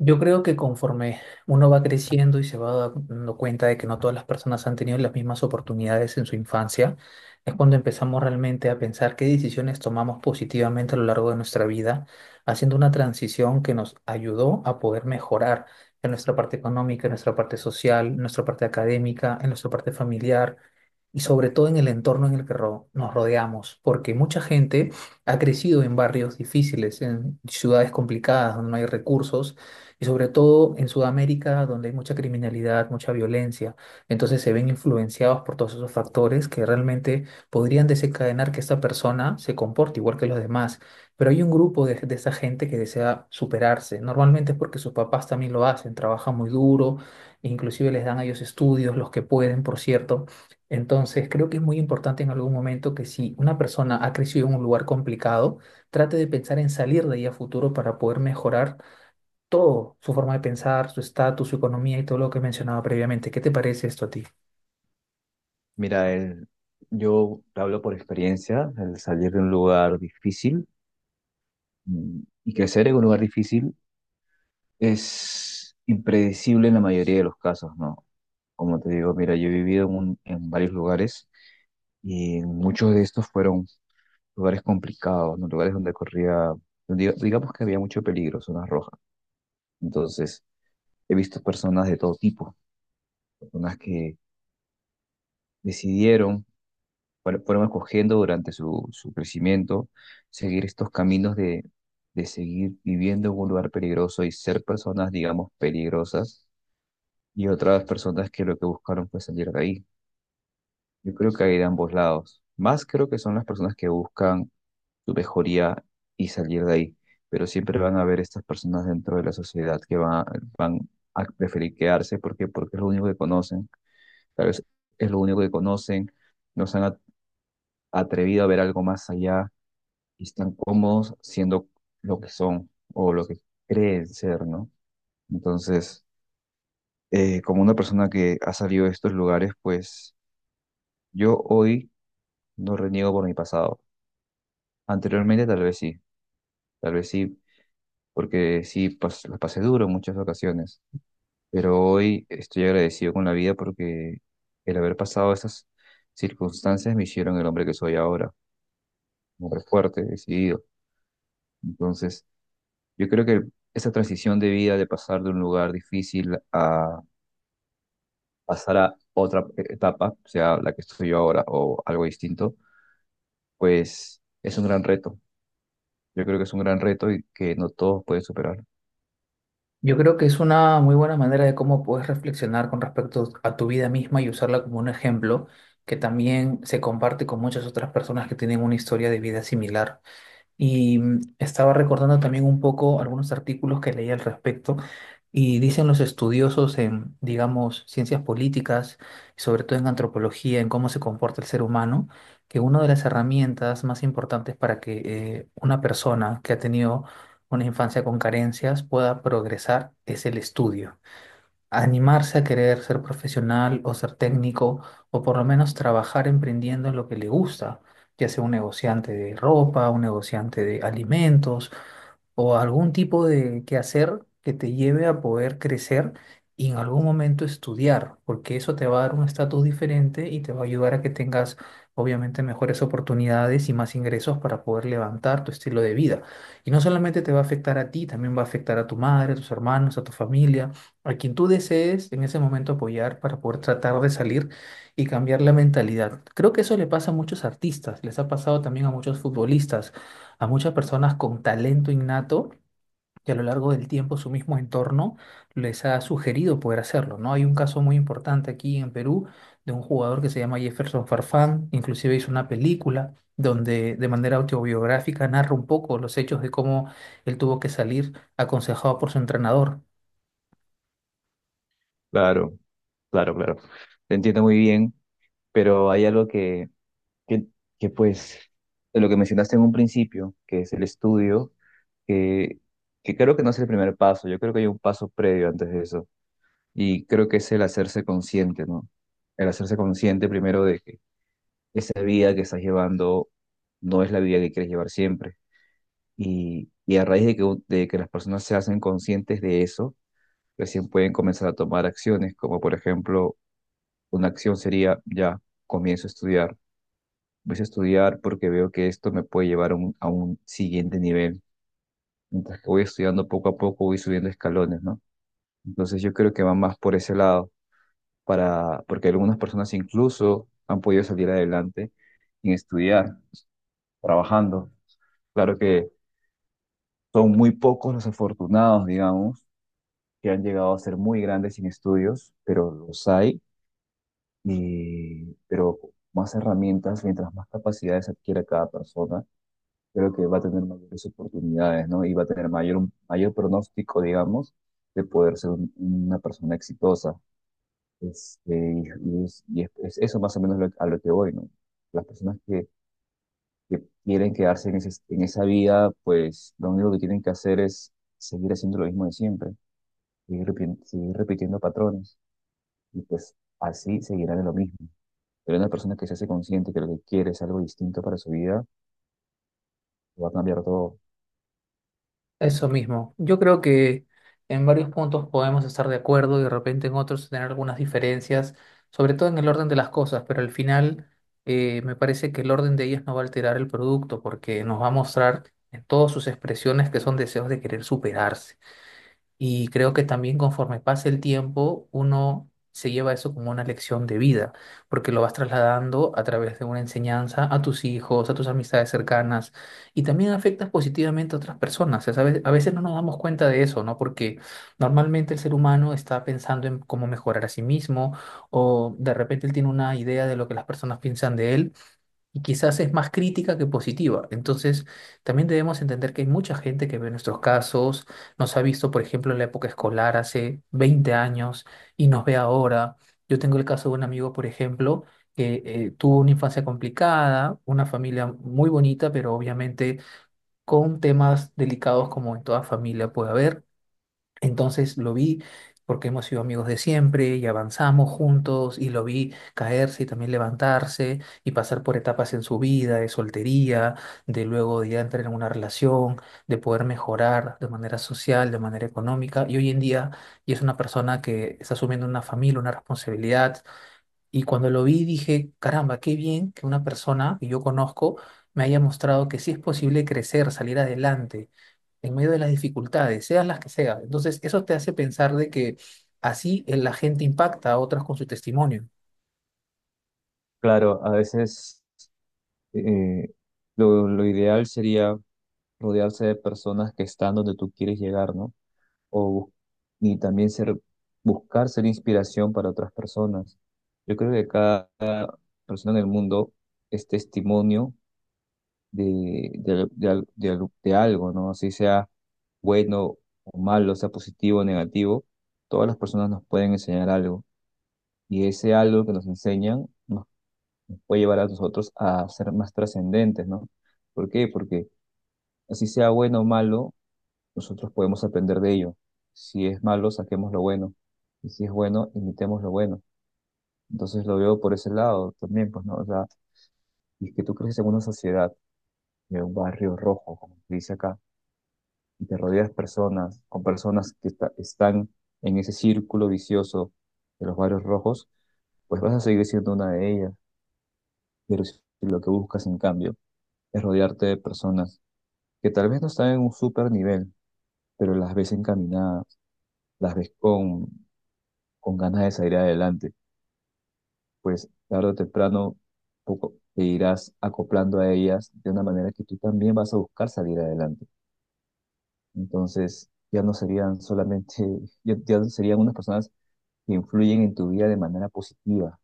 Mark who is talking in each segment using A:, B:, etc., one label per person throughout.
A: Yo creo que conforme uno va creciendo y se va dando cuenta de que no todas las personas han tenido las mismas oportunidades en su infancia, es cuando empezamos realmente a pensar qué decisiones tomamos positivamente a lo largo de nuestra vida, haciendo una transición que nos ayudó a poder mejorar en nuestra parte económica, en nuestra parte social, en nuestra parte académica, en nuestra parte familiar y sobre todo en el entorno en el que nos rodeamos, porque mucha gente ha crecido en barrios difíciles, en ciudades complicadas donde no hay recursos y sobre todo en Sudamérica, donde hay mucha criminalidad, mucha violencia. Entonces se ven influenciados por todos esos factores que realmente podrían desencadenar que esta persona se comporte igual que los demás. Pero hay un grupo de esa gente que desea superarse. Normalmente es porque sus papás también lo hacen, trabajan muy duro, inclusive les dan a ellos estudios, los que pueden, por cierto. Entonces, creo que es muy importante en algún momento que, si una persona ha crecido en un lugar complicado, trate de pensar en salir de ahí a futuro para poder mejorar todo: su forma de pensar, su estatus, su economía y todo lo que mencionaba previamente. ¿Qué te parece esto a ti?
B: Mira, yo te hablo por experiencia, el salir de un lugar difícil mm, y crecer en un lugar difícil es impredecible en la mayoría de los casos, ¿no? Como te digo, mira, yo he vivido en, en varios lugares y muchos de estos fueron lugares complicados, ¿no? Lugares donde corría, digamos que había mucho peligro, zonas rojas. Entonces, he visto personas de todo tipo, personas que decidieron fueron escogiendo durante su crecimiento, seguir estos caminos de seguir viviendo en un lugar peligroso y ser personas, digamos, peligrosas, y otras personas que lo que buscaron fue salir de ahí. Yo creo que hay de ambos lados. Más creo que son las personas que buscan su mejoría y salir de ahí, pero siempre van a haber estas personas dentro de la sociedad que van a preferir quedarse porque es lo único que conocen, tal vez es lo único que conocen, no se han atrevido a ver algo más allá y están cómodos siendo lo que son o lo que creen ser, ¿no? Entonces, como una persona que ha salido de estos lugares, pues yo hoy no reniego por mi pasado. Anteriormente tal vez sí, porque sí pas la pasé duro en muchas ocasiones, pero hoy estoy agradecido con la vida porque el haber pasado esas circunstancias me hicieron el hombre que soy ahora, un hombre fuerte, decidido. Entonces, yo creo que esa transición de vida, de pasar de un lugar difícil a pasar a otra etapa, sea la que estoy yo ahora o algo distinto, pues es un gran reto. Yo creo que es un gran reto y que no todos pueden superar.
A: Yo creo que es una muy buena manera de cómo puedes reflexionar con respecto a tu vida misma y usarla como un ejemplo que también se comparte con muchas otras personas que tienen una historia de vida similar. Y estaba recordando también un poco algunos artículos que leí al respecto, y dicen los estudiosos en, digamos, ciencias políticas, y sobre todo en antropología, en cómo se comporta el ser humano, que una de las herramientas más importantes para que una persona que ha tenido una infancia con carencias pueda progresar es el estudio, animarse a querer ser profesional o ser técnico, o por lo menos trabajar emprendiendo en lo que le gusta, ya sea un negociante de ropa, un negociante de alimentos, o algún tipo de quehacer que te lleve a poder crecer y en algún momento estudiar, porque eso te va a dar un estatus diferente y te va a ayudar a que tengas obviamente mejores oportunidades y más ingresos para poder levantar tu estilo de vida. Y no solamente te va a afectar a ti, también va a afectar a tu madre, a tus hermanos, a tu familia, a quien tú desees en ese momento apoyar para poder tratar de salir y cambiar la mentalidad. Creo que eso le pasa a muchos artistas, les ha pasado también a muchos futbolistas, a muchas personas con talento innato, que a lo largo del tiempo su mismo entorno les ha sugerido poder hacerlo, ¿no? Hay un caso muy importante aquí en Perú de un jugador que se llama Jefferson Farfán, inclusive hizo una película donde, de manera autobiográfica, narra un poco los hechos de cómo él tuvo que salir aconsejado por su entrenador.
B: Claro, claro, claro. Te entiendo muy bien, pero hay algo que, que pues, de lo que mencionaste en un principio, que es el estudio, que, que creo que no es el primer paso. Yo creo que hay un paso previo antes de eso. Y creo que es el hacerse consciente, ¿no? El hacerse consciente primero de que esa vida que estás llevando no es la vida que quieres llevar siempre. Y a raíz de que, de que las personas se hacen conscientes de eso, recién pueden comenzar a tomar acciones, como por ejemplo, una acción sería, ya, comienzo a estudiar. Voy a estudiar porque veo que esto me puede llevar a a un siguiente nivel. Mientras que voy estudiando poco a poco, voy subiendo escalones, ¿no? Entonces yo creo que va más por ese lado porque algunas personas incluso han podido salir adelante sin estudiar, trabajando. Claro que son muy pocos los afortunados, digamos, que han llegado a ser muy grandes sin estudios, pero los hay, y, pero más herramientas, mientras más capacidades adquiera cada persona, creo que va a tener mayores oportunidades, ¿no? Y va a tener mayor pronóstico, digamos, de poder ser una persona exitosa. Este, es eso más o menos a lo que voy, ¿no? Las personas que quieren quedarse en, en esa vida, pues lo único que tienen que hacer es seguir haciendo lo mismo de siempre, seguir, seguir repitiendo patrones y pues así seguirán en lo mismo. Pero una persona que se hace consciente que lo que quiere es algo distinto para su vida, va a cambiar todo.
A: Eso mismo. Yo creo que en varios puntos podemos estar de acuerdo y de repente en otros tener algunas diferencias, sobre todo en el orden de las cosas, pero al final me parece que el orden de ellas no va a alterar el producto, porque nos va a mostrar en todas sus expresiones que son deseos de querer superarse. Y creo que también, conforme pasa el tiempo, uno se lleva eso como una lección de vida, porque lo vas trasladando a través de una enseñanza a tus hijos, a tus amistades cercanas, y también afectas positivamente a otras personas. O sea, a veces no nos damos cuenta de eso, ¿no? Porque normalmente el ser humano está pensando en cómo mejorar a sí mismo, o de repente él tiene una idea de lo que las personas piensan de él, y quizás es más crítica que positiva. Entonces, también debemos entender que hay mucha gente que ve nuestros casos, nos ha visto, por ejemplo, en la época escolar hace 20 años, y nos ve ahora. Yo tengo el caso de un amigo, por ejemplo, que tuvo una infancia complicada, una familia muy bonita, pero obviamente con temas delicados, como en toda familia puede haber. Entonces lo vi, porque hemos sido amigos de siempre y avanzamos juntos, y lo vi caerse y también levantarse y pasar por etapas en su vida, de soltería, de luego de ya entrar en una relación, de poder mejorar de manera social, de manera económica, y hoy en día ya es una persona que está asumiendo una familia, una responsabilidad. Y cuando lo vi dije: caramba, qué bien que una persona que yo conozco me haya mostrado que sí es posible crecer, salir adelante en medio de las dificultades, sean las que sean. Entonces, eso te hace pensar de que así, la gente impacta a otras con su testimonio.
B: Claro, a veces eh, lo ideal sería rodearse de personas que están donde tú quieres llegar, ¿no? o, bus- y también ser, buscar ser inspiración para otras personas. Yo creo que cada persona en el mundo es testimonio de algo, ¿no? Así sea bueno o malo, sea positivo o negativo, todas las personas nos pueden enseñar algo y ese algo que nos enseñan nos puede llevar a nosotros a ser más trascendentes, ¿no? ¿Por qué? Porque así sea bueno o malo, nosotros podemos aprender de ello. Si es malo, saquemos lo bueno. Y si es bueno, imitemos lo bueno. Entonces lo veo por ese lado también, pues, ¿no? O sea, y es que tú creces en una sociedad, en un barrio rojo, como se dice acá, y te rodeas personas, con personas que están en ese círculo vicioso de los barrios rojos, pues vas a seguir siendo una de ellas. Pero si lo que buscas, en cambio, es rodearte de personas que tal vez no están en un super nivel, pero las ves encaminadas, las ves con ganas de salir adelante, pues tarde o temprano poco te irás acoplando a ellas de una manera que tú también vas a buscar salir adelante. Entonces, ya no serían solamente, ya no serían unas personas que influyen en tu vida de manera positiva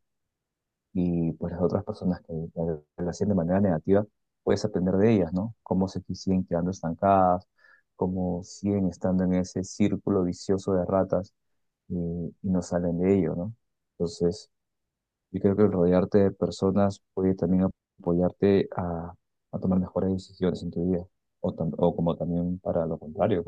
B: y pues las otras personas que la hacen de manera negativa, puedes aprender de ellas, ¿no? Cómo se si siguen quedando estancadas, cómo siguen estando en ese círculo vicioso de ratas y no salen de ello, ¿no? Entonces, yo creo que el rodearte de personas puede también apoyarte a tomar mejores decisiones en tu vida, o como también para lo contrario,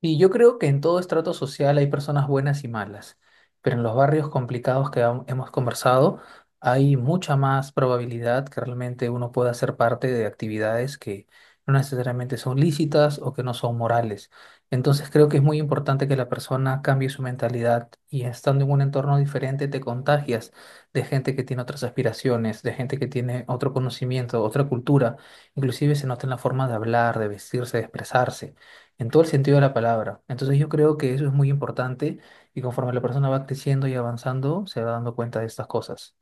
A: Y yo creo que en todo estrato social hay personas buenas y malas, pero en los barrios complicados que hemos conversado hay mucha más probabilidad que realmente uno pueda ser parte de actividades que no necesariamente son lícitas o que no son morales. Entonces creo que es muy importante que la persona cambie su mentalidad, y estando en un entorno diferente te contagias de gente que tiene otras aspiraciones, de gente que tiene otro conocimiento, otra cultura. Inclusive se nota en la forma de hablar, de vestirse, de expresarse, en todo el sentido de la palabra. Entonces yo creo que eso es muy importante, y conforme la persona va creciendo y avanzando, se va dando cuenta de estas cosas.